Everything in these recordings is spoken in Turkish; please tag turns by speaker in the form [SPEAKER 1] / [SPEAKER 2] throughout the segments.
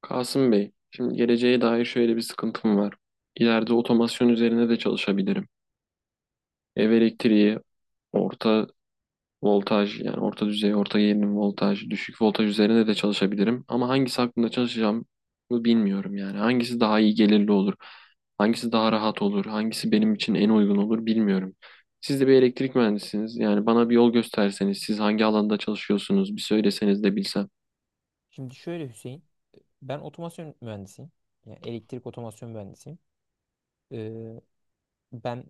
[SPEAKER 1] Kasım Bey, şimdi geleceğe dair şöyle bir sıkıntım var. İleride otomasyon üzerine de çalışabilirim. Ev elektriği, orta voltaj yani orta düzey, orta gerilim voltaj, düşük voltaj üzerine de çalışabilirim. Ama hangisi hakkında çalışacağım bilmiyorum yani. Hangisi daha iyi gelirli olur, hangisi daha rahat olur, hangisi benim için en uygun olur bilmiyorum. Siz de bir elektrik mühendisiniz. Yani bana bir yol gösterseniz, siz hangi alanda çalışıyorsunuz bir söyleseniz de bilsem.
[SPEAKER 2] Şimdi şöyle Hüseyin, ben otomasyon mühendisiyim. Yani elektrik otomasyon mühendisiyim. Ee, ben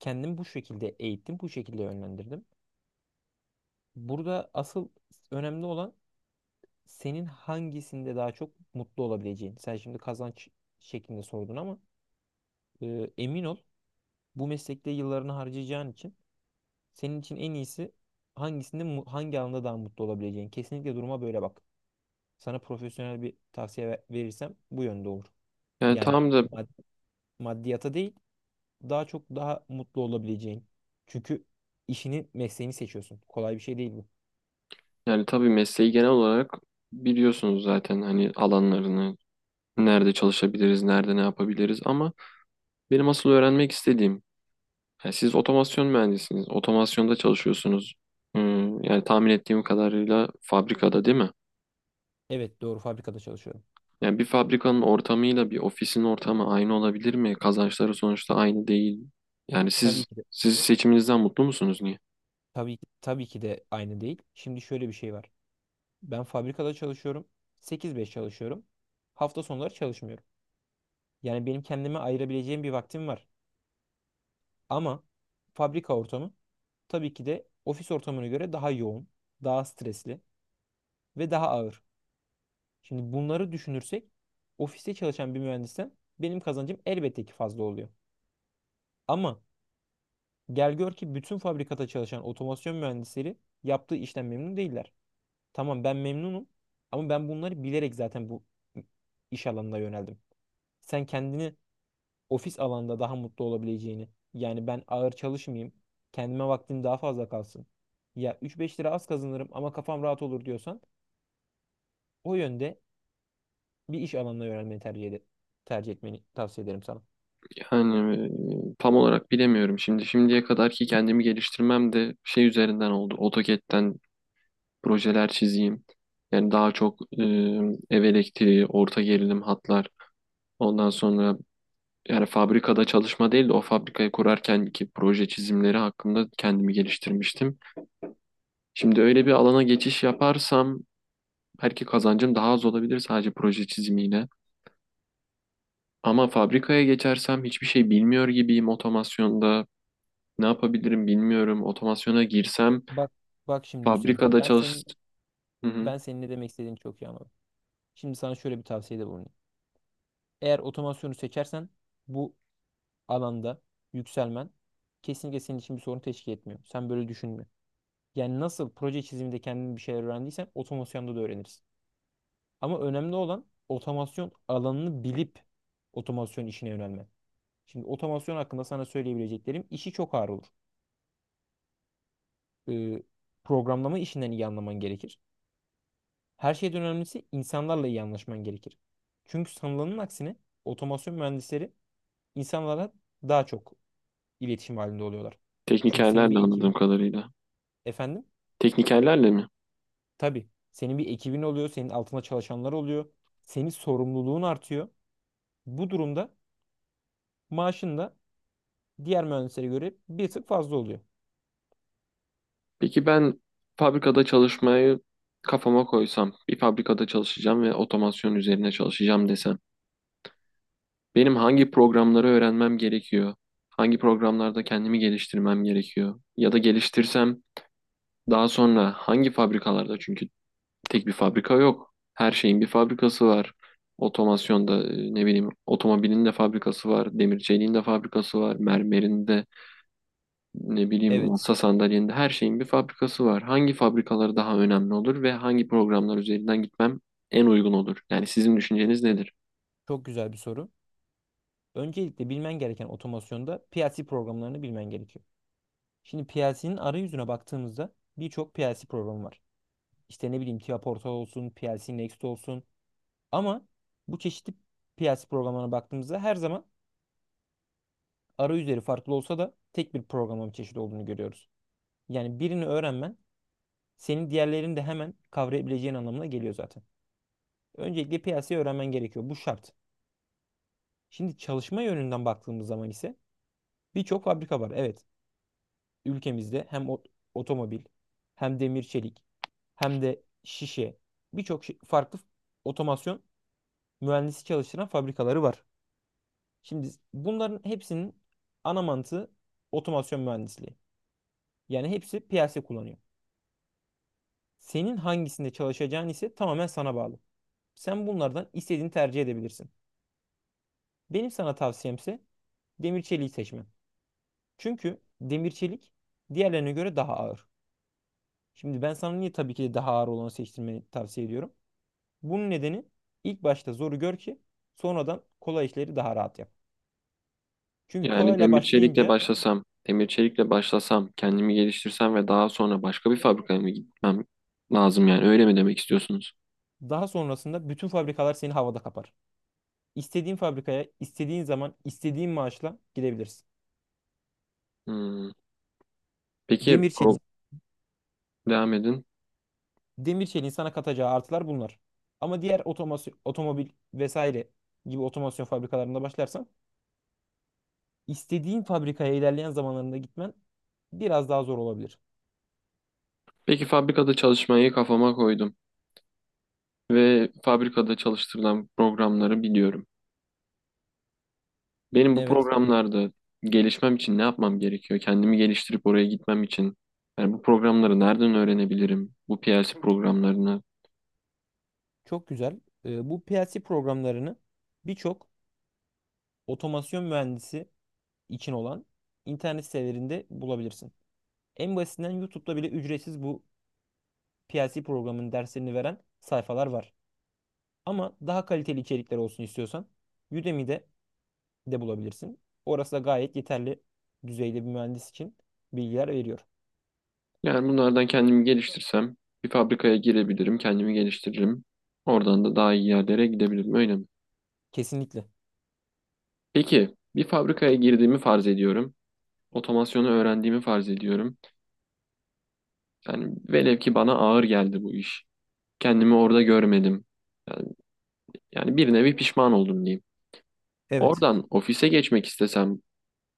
[SPEAKER 2] kendimi bu şekilde eğittim, bu şekilde yönlendirdim. Burada asıl önemli olan senin hangisinde daha çok mutlu olabileceğin. Sen şimdi kazanç şeklinde sordun ama emin ol bu meslekte yıllarını harcayacağın için senin için en iyisi hangi alanda daha mutlu olabileceğin. Kesinlikle duruma böyle bak. Sana profesyonel bir tavsiye verirsem bu yönde olur.
[SPEAKER 1] Yani
[SPEAKER 2] Yani
[SPEAKER 1] tamam da.
[SPEAKER 2] mad- maddiyata değil daha çok daha mutlu olabileceğin. Çünkü işini, mesleğini seçiyorsun. Kolay bir şey değil bu.
[SPEAKER 1] Yani tabii mesleği genel olarak biliyorsunuz zaten hani alanlarını, nerede çalışabiliriz, nerede ne yapabiliriz ama benim asıl öğrenmek istediğim, yani siz otomasyon mühendisiniz, otomasyonda çalışıyorsunuz. Hmm, yani tahmin ettiğim kadarıyla fabrikada değil mi?
[SPEAKER 2] Evet, doğru fabrikada çalışıyorum.
[SPEAKER 1] Yani bir fabrikanın ortamıyla bir ofisin ortamı aynı olabilir mi? Kazançları sonuçta aynı değil. Yani siz
[SPEAKER 2] Tabii ki de
[SPEAKER 1] siz seçiminizden mutlu musunuz niye?
[SPEAKER 2] tabii ki de aynı değil. Şimdi şöyle bir şey var. Ben fabrikada çalışıyorum. Sekiz beş çalışıyorum. Hafta sonları çalışmıyorum. Yani benim kendime ayırabileceğim bir vaktim var. Ama fabrika ortamı tabii ki de ofis ortamına göre daha yoğun, daha stresli ve daha ağır. Şimdi bunları düşünürsek ofiste çalışan bir mühendisten benim kazancım elbette ki fazla oluyor. Ama gel gör ki bütün fabrikada çalışan otomasyon mühendisleri yaptığı işten memnun değiller. Tamam, ben memnunum ama ben bunları bilerek zaten bu iş alanına yöneldim. Sen kendini ofis alanda daha mutlu olabileceğini, yani ben ağır çalışmayayım, kendime vaktim daha fazla kalsın. Ya üç beş lira az kazanırım ama kafam rahat olur diyorsan o yönde bir iş alanına yönelmeni tercih tercih etmeni tavsiye ederim sana.
[SPEAKER 1] Yani tam olarak bilemiyorum. Şimdi şimdiye kadar ki kendimi geliştirmem de şey üzerinden oldu. AutoCAD'den projeler çizeyim. Yani daha çok ev elektriği, orta gerilim hatlar. Ondan sonra yani fabrikada çalışma değil de o fabrikayı kurarken ki proje çizimleri hakkında kendimi geliştirmiştim. Şimdi öyle bir alana geçiş yaparsam belki kazancım daha az olabilir sadece proje çizimiyle. Ama fabrikaya geçersem hiçbir şey bilmiyor gibiyim otomasyonda. Ne yapabilirim bilmiyorum. Otomasyona girsem
[SPEAKER 2] Bak bak şimdi Hüseyin.
[SPEAKER 1] fabrikada
[SPEAKER 2] Ben
[SPEAKER 1] çalış...
[SPEAKER 2] senin
[SPEAKER 1] Hı hı.
[SPEAKER 2] ben senin ne demek istediğini çok iyi anladım. Şimdi sana şöyle bir tavsiyede bulunayım. Eğer otomasyonu seçersen bu alanda yükselmen kesinlikle senin için bir sorun teşkil etmiyor. Sen böyle düşünme. Yani nasıl proje çiziminde kendin bir şeyler öğrendiysen otomasyonda da öğrenirsin. Ama önemli olan otomasyon alanını bilip otomasyon işine yönelmen. Şimdi otomasyon hakkında sana söyleyebileceklerim işi çok ağır olur. Ee, programlama işinden iyi anlaman gerekir. Her şeyden önemlisi insanlarla iyi anlaşman gerekir. Çünkü sanılanın aksine otomasyon mühendisleri insanlara daha çok iletişim halinde oluyorlar. Çünkü senin
[SPEAKER 1] Teknikerlerle
[SPEAKER 2] bir
[SPEAKER 1] anladığım
[SPEAKER 2] ekibin,
[SPEAKER 1] kadarıyla.
[SPEAKER 2] efendim,
[SPEAKER 1] Teknikerlerle mi?
[SPEAKER 2] tabii senin bir ekibin oluyor, senin altında çalışanlar oluyor. Senin sorumluluğun artıyor. Bu durumda maaşın da diğer mühendislere göre bir tık fazla oluyor.
[SPEAKER 1] Peki ben fabrikada çalışmayı kafama koysam, bir fabrikada çalışacağım ve otomasyon üzerine çalışacağım desem, benim hangi programları öğrenmem gerekiyor? Hangi programlarda kendimi geliştirmem gerekiyor? Ya da geliştirsem daha sonra hangi fabrikalarda? Çünkü tek bir fabrika yok. Her şeyin bir fabrikası var. Otomasyonda ne bileyim otomobilin de fabrikası var, demir çeliğin de fabrikası var, mermerin de ne bileyim
[SPEAKER 2] Evet,
[SPEAKER 1] masa sandalyende her şeyin bir fabrikası var. Hangi fabrikaları daha önemli olur ve hangi programlar üzerinden gitmem en uygun olur? Yani sizin düşünceniz nedir?
[SPEAKER 2] çok güzel bir soru. Öncelikle bilmen gereken otomasyonda PLC programlarını bilmen gerekiyor. Şimdi PLC'nin arayüzüne baktığımızda birçok PLC programı var. İşte ne bileyim Tia Portal olsun, PLC Next olsun. Ama bu çeşitli PLC programlarına baktığımızda her zaman arayüzleri farklı olsa da tek bir programlama çeşidi olduğunu görüyoruz. Yani birini öğrenmen senin diğerlerini de hemen kavrayabileceğin anlamına geliyor zaten. Öncelikle piyasayı öğrenmen gerekiyor. Bu şart. Şimdi çalışma yönünden baktığımız zaman ise birçok fabrika var. Evet, ülkemizde hem otomobil, hem demir çelik, hem de şişe farklı otomasyon mühendisi çalıştıran fabrikaları var. Şimdi bunların hepsinin ana mantığı otomasyon mühendisliği. Yani hepsi piyasa kullanıyor. Senin hangisinde çalışacağın ise tamamen sana bağlı. Sen bunlardan istediğini tercih edebilirsin. Benim sana tavsiyemse demir çeliği seçmen. Çünkü demir çelik diğerlerine göre daha ağır. Şimdi ben sana niye tabii ki de daha ağır olanı seçtirmeni tavsiye ediyorum. Bunun nedeni ilk başta zoru gör ki sonradan kolay işleri daha rahat yap. Çünkü
[SPEAKER 1] Yani
[SPEAKER 2] kolayla
[SPEAKER 1] demir çelikle
[SPEAKER 2] başlayınca
[SPEAKER 1] başlasam, demir çelikle başlasam, kendimi geliştirsem ve daha sonra başka bir fabrikaya mı gitmem lazım yani öyle mi demek istiyorsunuz?
[SPEAKER 2] daha sonrasında bütün fabrikalar seni havada kapar. İstediğin fabrikaya, istediğin zaman, istediğin maaşla gidebilirsin.
[SPEAKER 1] Hmm. Peki
[SPEAKER 2] Demir çeliğin
[SPEAKER 1] devam edin.
[SPEAKER 2] demir çeliğin sana katacağı artılar bunlar. Ama diğer otomasyon, otomobil vesaire gibi otomasyon fabrikalarında başlarsan istediğin fabrikaya ilerleyen zamanlarında gitmen biraz daha zor olabilir.
[SPEAKER 1] Peki fabrikada çalışmayı kafama koydum ve fabrikada çalıştırılan programları biliyorum. Benim bu
[SPEAKER 2] Evet,
[SPEAKER 1] programlarda gelişmem için ne yapmam gerekiyor? Kendimi geliştirip oraya gitmem için. Yani bu programları nereden öğrenebilirim? Bu PLC programlarını.
[SPEAKER 2] çok güzel. Bu PLC programlarını birçok otomasyon mühendisi için olan internet sitelerinde bulabilirsin. En basitinden YouTube'da bile ücretsiz bu PLC programının derslerini veren sayfalar var. Ama daha kaliteli içerikler olsun istiyorsan Udemy'de de bulabilirsin. Orası da gayet yeterli düzeyde bir mühendis için bilgiler veriyor.
[SPEAKER 1] Yani bunlardan kendimi geliştirsem bir fabrikaya girebilirim, kendimi geliştiririm. Oradan da daha iyi yerlere gidebilirim, öyle mi?
[SPEAKER 2] Kesinlikle.
[SPEAKER 1] Peki bir fabrikaya girdiğimi farz ediyorum. Otomasyonu öğrendiğimi farz ediyorum. Yani velev ki bana ağır geldi bu iş. Kendimi orada görmedim. Yani, yani bir nevi pişman oldum diyeyim.
[SPEAKER 2] Evet.
[SPEAKER 1] Oradan ofise geçmek istesem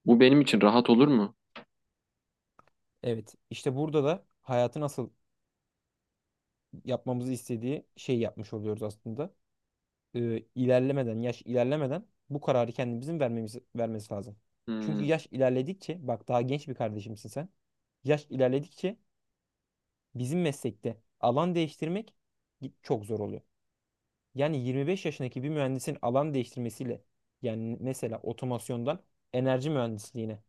[SPEAKER 1] bu benim için rahat olur mu?
[SPEAKER 2] Evet. İşte burada da hayatı nasıl yapmamızı istediği şeyi yapmış oluyoruz aslında. İlerlemeden, yaş ilerlemeden bu kararı kendimizin vermemiz, vermesi lazım. Çünkü
[SPEAKER 1] Hmm,
[SPEAKER 2] yaş ilerledikçe, bak, daha genç bir kardeşimsin sen. Yaş ilerledikçe bizim meslekte alan değiştirmek çok zor oluyor. Yani 25 yaşındaki bir mühendisin alan değiştirmesiyle, yani mesela otomasyondan enerji mühendisliğine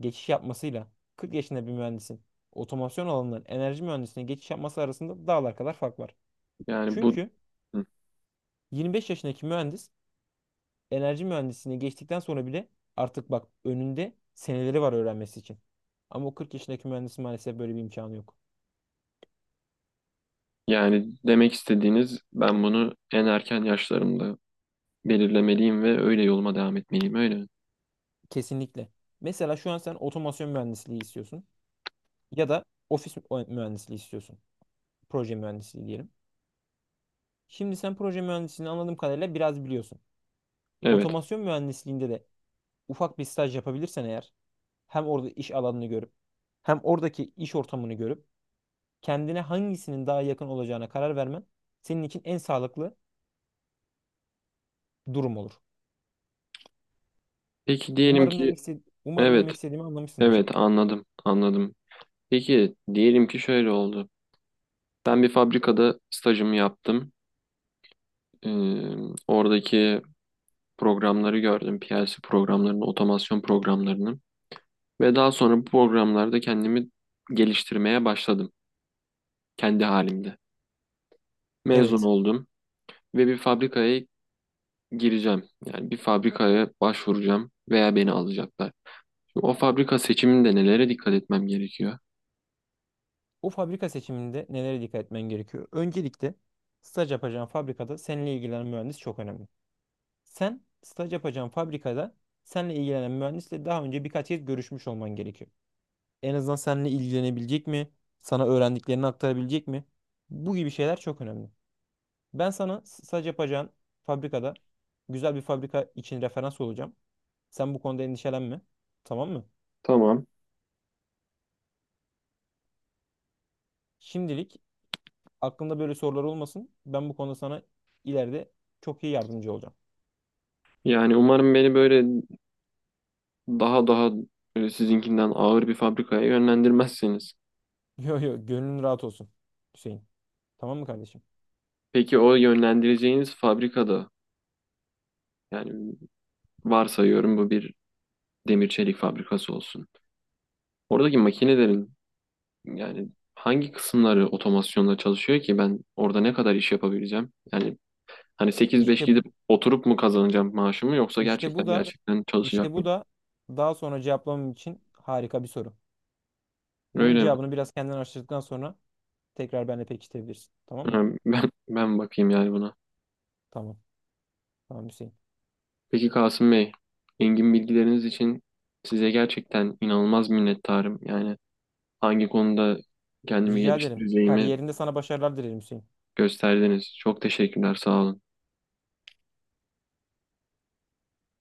[SPEAKER 2] geçiş yapmasıyla 40 yaşında bir mühendisin otomasyon alanından enerji mühendisliğine geçiş yapması arasında dağlar kadar fark var.
[SPEAKER 1] yani bu
[SPEAKER 2] Çünkü
[SPEAKER 1] hmm.
[SPEAKER 2] 25 yaşındaki mühendis enerji mühendisliğine geçtikten sonra bile artık, bak, önünde seneleri var öğrenmesi için. Ama o 40 yaşındaki mühendisin maalesef böyle bir imkanı yok.
[SPEAKER 1] Yani demek istediğiniz ben bunu en erken yaşlarımda belirlemeliyim ve öyle yoluma devam etmeliyim öyle mi?
[SPEAKER 2] Kesinlikle. Mesela şu an sen otomasyon mühendisliği istiyorsun ya da ofis mühendisliği istiyorsun. Proje mühendisliği diyelim. Şimdi sen proje mühendisliğini anladığım kadarıyla biraz biliyorsun.
[SPEAKER 1] Evet.
[SPEAKER 2] Otomasyon mühendisliğinde de ufak bir staj yapabilirsen eğer hem orada iş alanını görüp hem oradaki iş ortamını görüp kendine hangisinin daha yakın olacağına karar vermen senin için en sağlıklı durum olur.
[SPEAKER 1] Peki diyelim ki
[SPEAKER 2] Umarım demek
[SPEAKER 1] evet,
[SPEAKER 2] istediğimi anlamışsındır.
[SPEAKER 1] evet, anladım, anladım. Peki diyelim ki şöyle oldu. Ben bir fabrikada stajımı yaptım. Ee, oradaki programları gördüm. PLC programlarını, otomasyon programlarını ve daha sonra bu programlarda kendimi geliştirmeye başladım kendi halimde. Mezun
[SPEAKER 2] Evet.
[SPEAKER 1] oldum. Ve bir fabrikaya gireceğim. Yani bir fabrikaya başvuracağım veya beni alacaklar. Şimdi o fabrika seçiminde nelere dikkat etmem gerekiyor?
[SPEAKER 2] O fabrika seçiminde nelere dikkat etmen gerekiyor? Öncelikle staj yapacağın fabrikada seninle ilgilenen mühendis çok önemli. Sen staj yapacağın fabrikada seninle ilgilenen mühendisle daha önce birkaç kez görüşmüş olman gerekiyor. En azından seninle ilgilenebilecek mi? Sana öğrendiklerini aktarabilecek mi? Bu gibi şeyler çok önemli. Ben sana sadece yapacağın fabrikada güzel bir fabrika için referans olacağım. Sen bu konuda endişelenme. Tamam mı?
[SPEAKER 1] Tamam.
[SPEAKER 2] Şimdilik aklında böyle sorular olmasın. Ben bu konuda sana ileride çok iyi yardımcı olacağım.
[SPEAKER 1] Yani umarım beni böyle daha böyle sizinkinden ağır bir fabrikaya yönlendirmezsiniz.
[SPEAKER 2] Yo yo, gönlün rahat olsun Hüseyin. Tamam mı kardeşim?
[SPEAKER 1] Peki o yönlendireceğiniz fabrikada yani varsayıyorum bu bir demir çelik fabrikası olsun. Oradaki makinelerin yani hangi kısımları otomasyonla çalışıyor ki ben orada ne kadar iş yapabileceğim? Yani hani 8-5
[SPEAKER 2] İşte bu,
[SPEAKER 1] gidip oturup mu kazanacağım maaşımı yoksa
[SPEAKER 2] işte bu
[SPEAKER 1] gerçekten
[SPEAKER 2] da
[SPEAKER 1] gerçekten
[SPEAKER 2] işte
[SPEAKER 1] çalışacak
[SPEAKER 2] bu
[SPEAKER 1] mıyım?
[SPEAKER 2] da daha sonra cevaplamam için harika bir soru. Bunun
[SPEAKER 1] Öyle mi?
[SPEAKER 2] cevabını biraz kendin araştırdıktan sonra tekrar benimle pekiştirebilirsin. Tamam mı?
[SPEAKER 1] Ha, ben bakayım yani buna.
[SPEAKER 2] Tamam. Tamam Hüseyin.
[SPEAKER 1] Peki Kasım Bey, engin bilgileriniz için size gerçekten inanılmaz minnettarım. Yani hangi konuda kendimi
[SPEAKER 2] Rica ederim.
[SPEAKER 1] geliştireceğimi
[SPEAKER 2] Kariyerinde sana başarılar dilerim Hüseyin.
[SPEAKER 1] gösterdiniz. Çok teşekkürler, sağ olun.